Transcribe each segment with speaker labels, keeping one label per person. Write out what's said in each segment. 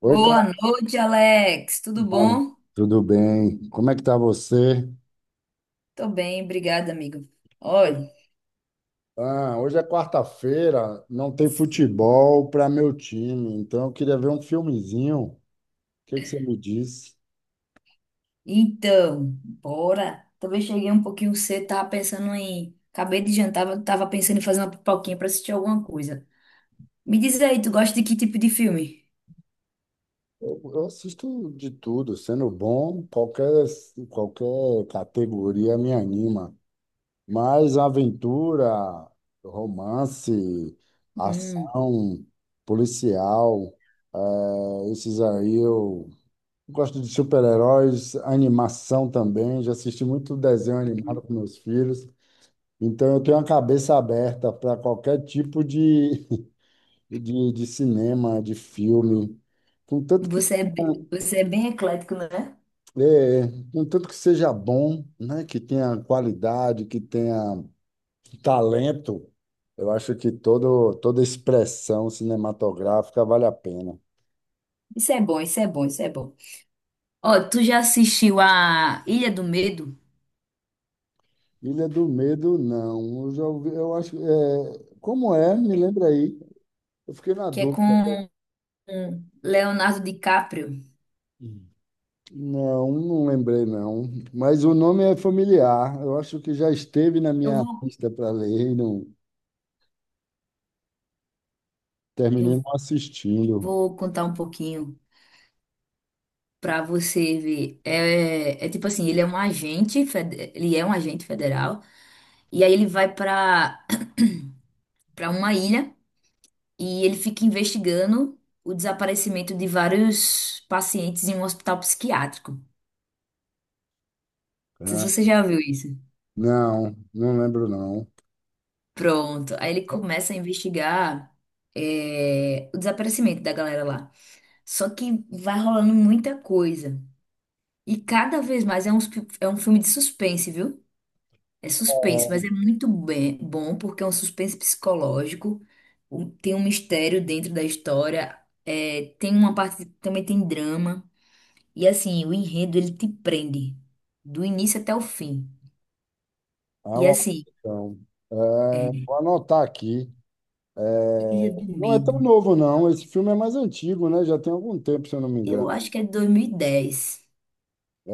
Speaker 1: Oi,
Speaker 2: Boa noite, Alex. Tudo
Speaker 1: Carmano.
Speaker 2: bom?
Speaker 1: Tudo bem? Como é que tá você?
Speaker 2: Tô bem, obrigada, amigo. Olha,
Speaker 1: Ah, hoje é quarta-feira, não tem futebol para meu time, então eu queria ver um filmezinho. O que que você me diz?
Speaker 2: então, bora. Talvez cheguei um pouquinho cedo, tava pensando em. Acabei de jantar, mas tava pensando em fazer uma pipoquinha pra assistir alguma coisa. Me diz aí, tu gosta de que tipo de filme?
Speaker 1: Eu assisto de tudo, sendo bom, qualquer categoria me anima. Mas aventura, romance,
Speaker 2: Hum,
Speaker 1: ação, policial, esses aí eu gosto de super-heróis, animação também. Já assisti muito desenho animado
Speaker 2: uhum.
Speaker 1: com meus filhos. Então, eu tenho a cabeça aberta para qualquer tipo de, de cinema, de filme. Contanto que,
Speaker 2: Você é bem eclético, né?
Speaker 1: é, contanto que seja bom, né? Que tenha qualidade, que tenha talento. Eu acho que toda expressão cinematográfica vale a pena.
Speaker 2: Isso é bom, isso é bom, isso é bom. Ó, tu já assistiu a Ilha do Medo,
Speaker 1: Ilha do Medo, não. Eu já ouvi, eu acho, é, como é? Me lembra aí. Eu fiquei na
Speaker 2: que é
Speaker 1: dúvida.
Speaker 2: com Leonardo DiCaprio?
Speaker 1: Não, não lembrei não. Mas o nome é familiar. Eu acho que já esteve na
Speaker 2: Eu
Speaker 1: minha
Speaker 2: vou,
Speaker 1: lista para ler e não terminei
Speaker 2: eu
Speaker 1: não assistindo.
Speaker 2: vou contar um pouquinho. Pra você ver, é tipo assim, ele é ele é um agente federal, e aí ele vai pra para uma ilha e ele fica investigando o desaparecimento de vários pacientes em um hospital psiquiátrico. Não sei se
Speaker 1: Ah,
Speaker 2: você já viu isso.
Speaker 1: não, não lembro não.
Speaker 2: Pronto. Aí ele começa a investigar é, o desaparecimento da galera lá. Só que vai rolando muita coisa. E cada vez mais é um filme de suspense, viu? É suspense, mas é muito bom porque é um suspense psicológico, tem um mistério dentro da história, é, tem uma parte, também tem drama, e assim, o enredo ele te prende do início até o fim.
Speaker 1: É
Speaker 2: E
Speaker 1: uma
Speaker 2: assim,
Speaker 1: questão. É,
Speaker 2: é,
Speaker 1: vou anotar aqui. É,
Speaker 2: Ilha do
Speaker 1: não é tão
Speaker 2: Medo,
Speaker 1: novo não. Esse filme é mais antigo, né? Já tem algum tempo, se eu não me
Speaker 2: eu
Speaker 1: engano.
Speaker 2: acho que é de 2010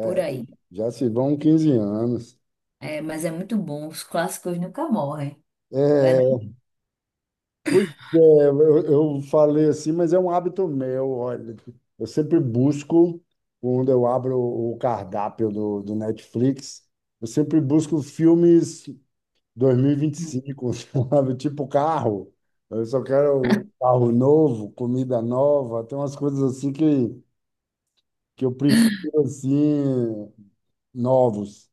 Speaker 2: por aí.
Speaker 1: já se vão 15 anos.
Speaker 2: É, mas é muito bom, os clássicos nunca morrem, não é
Speaker 1: É, pois é, eu falei assim, mas é um hábito meu, olha. Eu sempre busco, quando eu abro o cardápio do Netflix, eu sempre busco filmes
Speaker 2: não?
Speaker 1: 2025, sabe? Tipo carro. Eu só quero carro novo, comida nova, tem umas coisas assim que eu prefiro, assim, novos.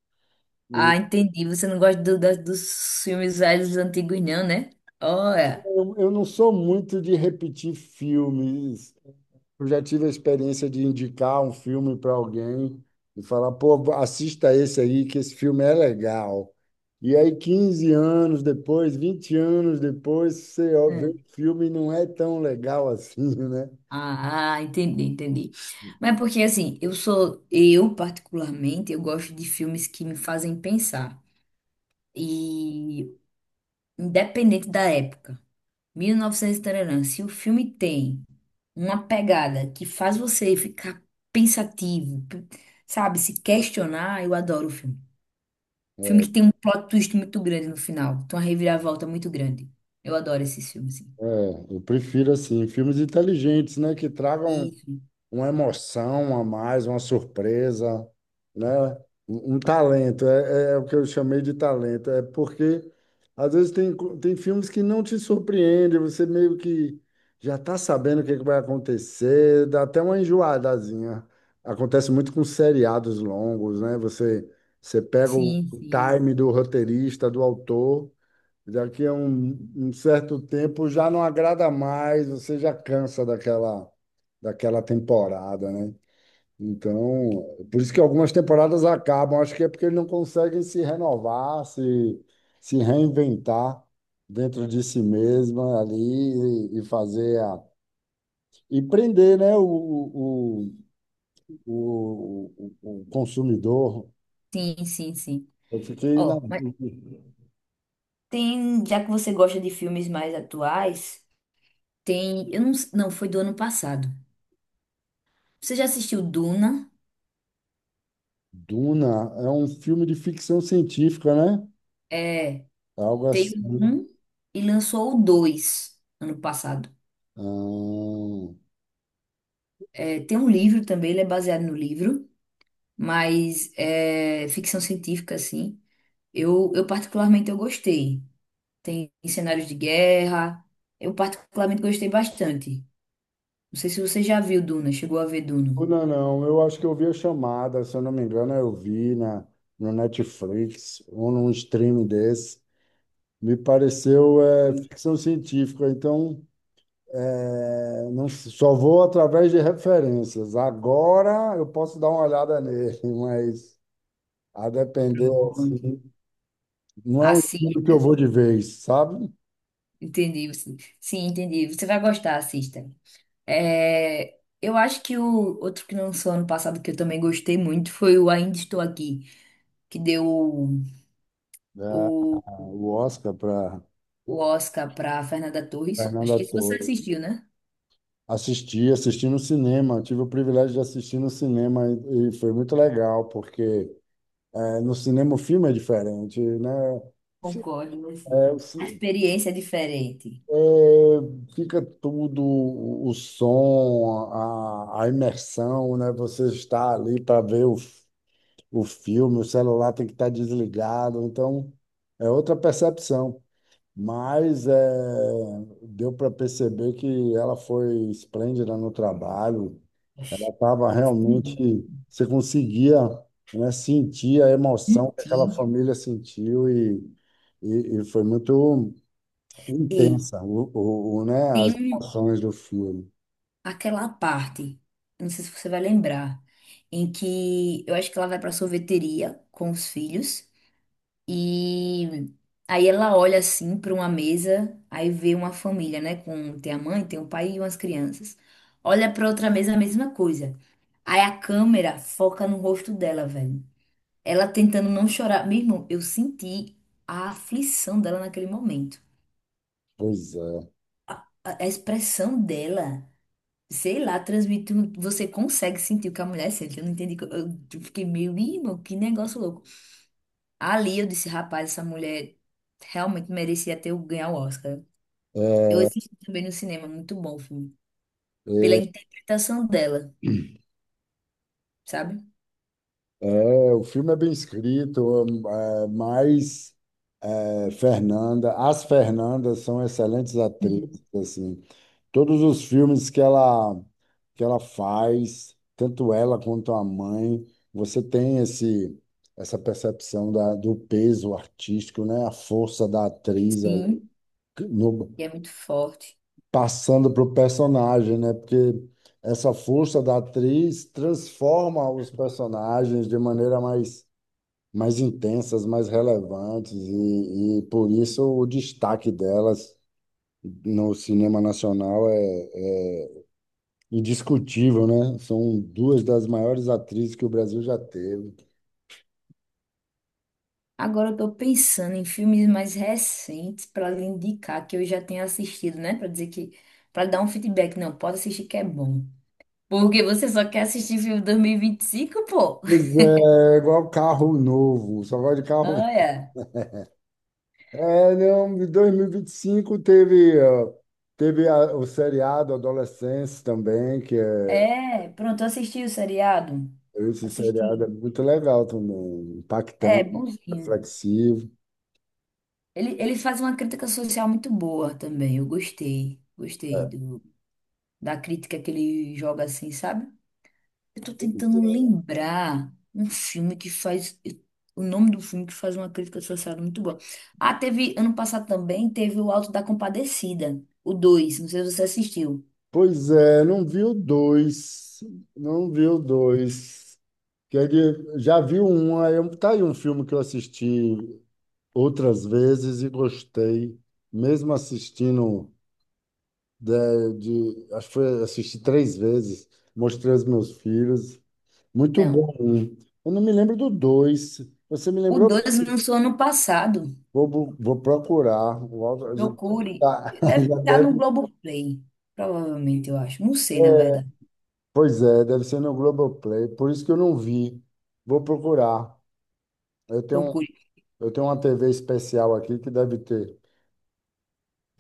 Speaker 1: E
Speaker 2: Ah, entendi, você não gosta dos filmes velhos dos antigos não, né? Olha.
Speaker 1: eu não sou muito de repetir filmes. Eu já tive a experiência de indicar um filme para alguém e falar, pô, assista esse aí, que esse filme é legal. E aí, 15 anos depois, 20 anos depois, você ó, vê o
Speaker 2: É.
Speaker 1: filme e não é tão legal assim, né?
Speaker 2: Ah, ah, entendi, entendi. Mas porque assim, eu particularmente, eu gosto de filmes que me fazem pensar. E independente da época, 1900 e novecentos e taranã, se o filme tem uma pegada que faz você ficar pensativo, sabe, se questionar, eu adoro o filme. Filme que tem um plot twist muito grande no final, tem uma reviravolta muito grande. Eu adoro esses filmes, sim.
Speaker 1: É, eu prefiro assim, filmes inteligentes, né? Que tragam
Speaker 2: Isso.
Speaker 1: uma emoção a mais, uma surpresa, né? Um talento, é, é o que eu chamei de talento. É porque, às vezes, tem, tem filmes que não te surpreendem, você meio que já está sabendo o que é que vai acontecer, dá até uma enjoadazinha. Acontece muito com seriados longos, né? Você pega o
Speaker 2: Sim, sim.
Speaker 1: time do roteirista, do autor. Daqui a um certo tempo já não agrada mais, você já cansa daquela, daquela temporada, né? Então, por isso que algumas temporadas acabam, acho que é porque eles não conseguem se renovar, se reinventar dentro de si mesma ali e fazer a, e prender, né, o, o consumidor.
Speaker 2: Sim, sim, sim.
Speaker 1: Eu fiquei na
Speaker 2: Ó, mas tem, já que você gosta de filmes mais atuais, tem, eu não, s- não, foi do ano passado. Você já assistiu Duna?
Speaker 1: Duna, é um filme de ficção científica, né?
Speaker 2: É,
Speaker 1: Algo
Speaker 2: tem o
Speaker 1: assim.
Speaker 2: um e lançou o dois ano passado.
Speaker 1: Ah,
Speaker 2: É, tem um livro também, ele é baseado no livro, mas é ficção científica, assim. Eu particularmente eu gostei. Tem cenários de guerra, eu particularmente gostei bastante. Não sei se você já viu Duna, chegou a ver Duna.
Speaker 1: não, não, eu acho que eu vi a chamada, se eu não me engano, eu vi na, no Netflix ou num streaming desse. Me pareceu é, ficção científica, então é, não, só vou através de referências. Agora eu posso dar uma olhada nele, mas a depender,
Speaker 2: Pronto.
Speaker 1: assim, não é um filme que eu
Speaker 2: Assista.
Speaker 1: vou de vez, sabe?
Speaker 2: Entendi, sim. Sim, entendi. Você vai gostar, assista. É, eu acho que o outro que lançou ano passado que eu também gostei muito foi o Ainda Estou Aqui, que deu
Speaker 1: É,
Speaker 2: o,
Speaker 1: o Oscar para
Speaker 2: o Oscar para Fernanda Torres. Acho
Speaker 1: Fernanda
Speaker 2: que se você
Speaker 1: Torres.
Speaker 2: assistiu, né?
Speaker 1: Assisti, assisti no cinema, tive o privilégio de assistir no cinema e foi muito legal, porque no cinema o filme é diferente, né? Fi-
Speaker 2: Concordo, mas
Speaker 1: é,
Speaker 2: sim. A experiência é diferente.
Speaker 1: é, fica tudo, o som, a imersão, né? Você está ali para ver o, o filme, o celular tem que estar desligado, então é outra percepção. Mas é, deu para perceber que ela foi esplêndida no trabalho.
Speaker 2: Oxi.
Speaker 1: Tava
Speaker 2: Hum,
Speaker 1: realmente, você conseguia, né, sentir a emoção que aquela
Speaker 2: Menti.
Speaker 1: família sentiu e foi muito
Speaker 2: Ei,
Speaker 1: intensa, né,
Speaker 2: tem
Speaker 1: as
Speaker 2: um-
Speaker 1: emoções do filme.
Speaker 2: aquela parte, não sei se você vai lembrar, em que eu acho que ela vai para sorveteria com os filhos. E aí ela olha assim para uma mesa, aí vê uma família, né? Com tem a mãe, tem o pai e umas crianças. Olha para outra mesa, a mesma coisa. Aí a câmera foca no rosto dela, velho. Ela tentando não chorar. Meu irmão, eu senti a aflição dela naquele momento.
Speaker 1: Pois é.
Speaker 2: A expressão dela, sei lá, transmite. Você consegue sentir o que a mulher sente. Eu não entendi. Eu fiquei meio, "Ih, irmão, que negócio louco. Ali eu disse, rapaz, essa mulher realmente merecia ganhar o Oscar. Eu
Speaker 1: É,
Speaker 2: assisti também no cinema, muito bom o filme. Pela
Speaker 1: é,
Speaker 2: interpretação dela, sabe?
Speaker 1: o filme é bem escrito, é, mas é, Fernanda, as Fernandas são excelentes
Speaker 2: Uhum.
Speaker 1: atrizes, assim. Todos os filmes que ela faz, tanto ela quanto a mãe, você tem esse essa percepção da, do peso artístico, né? A força da atriz
Speaker 2: Sim,
Speaker 1: no,
Speaker 2: e é muito forte.
Speaker 1: passando para o personagem, né? Porque essa força da atriz transforma os personagens de maneira mais mais intensas, mais relevantes e por isso o destaque delas no cinema nacional é indiscutível, né? São duas das maiores atrizes que o Brasil já teve.
Speaker 2: Agora eu tô pensando em filmes mais recentes pra lhe indicar que eu já tenho assistido, né? Pra dizer que. Pra dar um feedback. Não, pode assistir que é bom. Porque você só quer assistir filme dois mil e vinte e cinco, pô?
Speaker 1: Pois é, igual carro novo, só gosto de carro.
Speaker 2: Olha.
Speaker 1: É, não, em 2025 teve, ó, teve o seriado Adolescência também, que é
Speaker 2: É, pronto, eu assisti o seriado.
Speaker 1: esse seriado é
Speaker 2: Assisti.
Speaker 1: muito legal também,
Speaker 2: É,
Speaker 1: impactante,
Speaker 2: bonzinho.
Speaker 1: reflexivo.
Speaker 2: Ele faz uma crítica social muito boa também. Eu gostei. Gostei do. Da crítica que ele joga assim, sabe? Eu tô tentando lembrar um filme que faz. O nome do filme que faz uma crítica social muito boa. Ah, teve. Ano passado também teve o Alto da Compadecida, o 2. Não sei se você assistiu.
Speaker 1: Pois é, não vi o dois, não vi o dois. Que ele já viu um, aí tá aí um filme que eu assisti outras vezes e gostei, mesmo assistindo de, acho que foi, assisti três vezes, mostrei aos meus filhos, muito
Speaker 2: Não.
Speaker 1: bom. Um. Eu não me lembro do dois. Você me
Speaker 2: O
Speaker 1: lembrou
Speaker 2: dois
Speaker 1: bem.
Speaker 2: lançou ano passado.
Speaker 1: Vou, vou procurar. O Aldo. Já deve
Speaker 2: Procure.
Speaker 1: tá.
Speaker 2: Deve
Speaker 1: Já
Speaker 2: estar no
Speaker 1: deve.
Speaker 2: Globoplay. Provavelmente, eu acho. Não sei, na verdade.
Speaker 1: Pois é, deve ser no Globoplay. Por isso que eu não vi. Vou procurar. Eu tenho,
Speaker 2: Procure.
Speaker 1: eu tenho uma TV especial aqui que deve ter.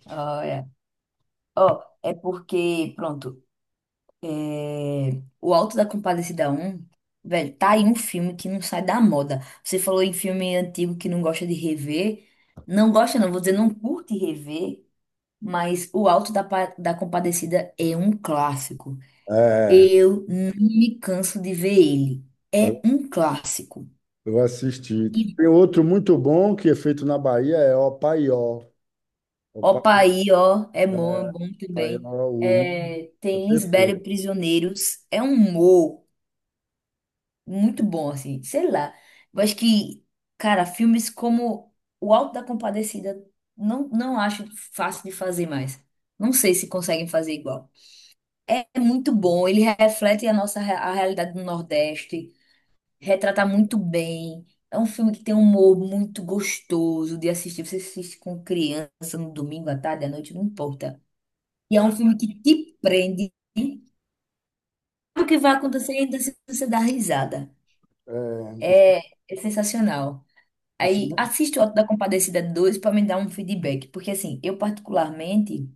Speaker 2: Ah, é. Ó, é porque, pronto. É, O Alto da Compadecida um velho, tá aí um filme que não sai da moda. Você falou em filme antigo que não gosta de rever. Não gosta, não, vou dizer, não curte rever, mas O Alto da Compadecida é um clássico.
Speaker 1: É.
Speaker 2: Eu não me canso de ver ele. É um clássico.
Speaker 1: Eu assisti. Assistir.
Speaker 2: E
Speaker 1: Tem outro muito bom que é feito na Bahia, é O Paió. O Paió,
Speaker 2: opa aí, ó, é
Speaker 1: é,
Speaker 2: bom
Speaker 1: Paió
Speaker 2: também.
Speaker 1: o um
Speaker 2: É,
Speaker 1: é
Speaker 2: tem Lisbela e
Speaker 1: perfeito.
Speaker 2: Prisioneiros. É um humor. Muito bom, assim, sei lá. Eu acho que, cara, filmes como O Alto da Compadecida não acho fácil de fazer mais. Não sei se conseguem fazer igual. É muito bom, ele reflete a nossa a realidade do Nordeste, retrata muito bem. É um filme que tem um humor muito gostoso de assistir. Você assiste com criança no domingo à tarde, à noite, não importa. E é um filme que te prende. Sabe o que vai acontecer ainda se você dar risada.
Speaker 1: É, o,
Speaker 2: É, é sensacional.
Speaker 1: o
Speaker 2: Aí
Speaker 1: cinema
Speaker 2: assisto o Auto da Compadecida 2 para me dar um feedback, porque assim, eu particularmente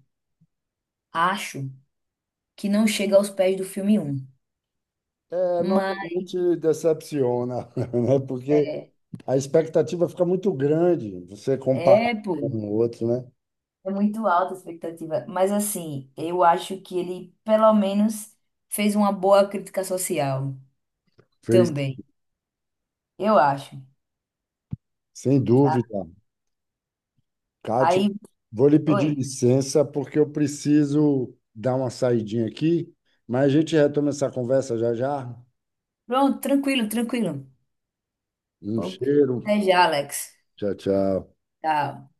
Speaker 2: acho que não chega aos pés do filme um.
Speaker 1: é,
Speaker 2: Mas
Speaker 1: normalmente decepciona, né? Porque
Speaker 2: é,
Speaker 1: a expectativa fica muito grande, você comparar
Speaker 2: é, pô,
Speaker 1: com o outro, né?
Speaker 2: é muito alta a expectativa, mas assim, eu acho que ele pelo menos fez uma boa crítica social
Speaker 1: Fez,
Speaker 2: também. Eu acho.
Speaker 1: sem dúvida. Kátia,
Speaker 2: Aí,
Speaker 1: vou lhe pedir
Speaker 2: oi.
Speaker 1: licença porque eu preciso dar uma saidinha aqui, mas a gente retoma essa conversa já já.
Speaker 2: Pronto, tranquilo, tranquilo.
Speaker 1: Um
Speaker 2: Pô,
Speaker 1: cheiro.
Speaker 2: até já, Alex.
Speaker 1: Tchau, tchau.
Speaker 2: Tchau.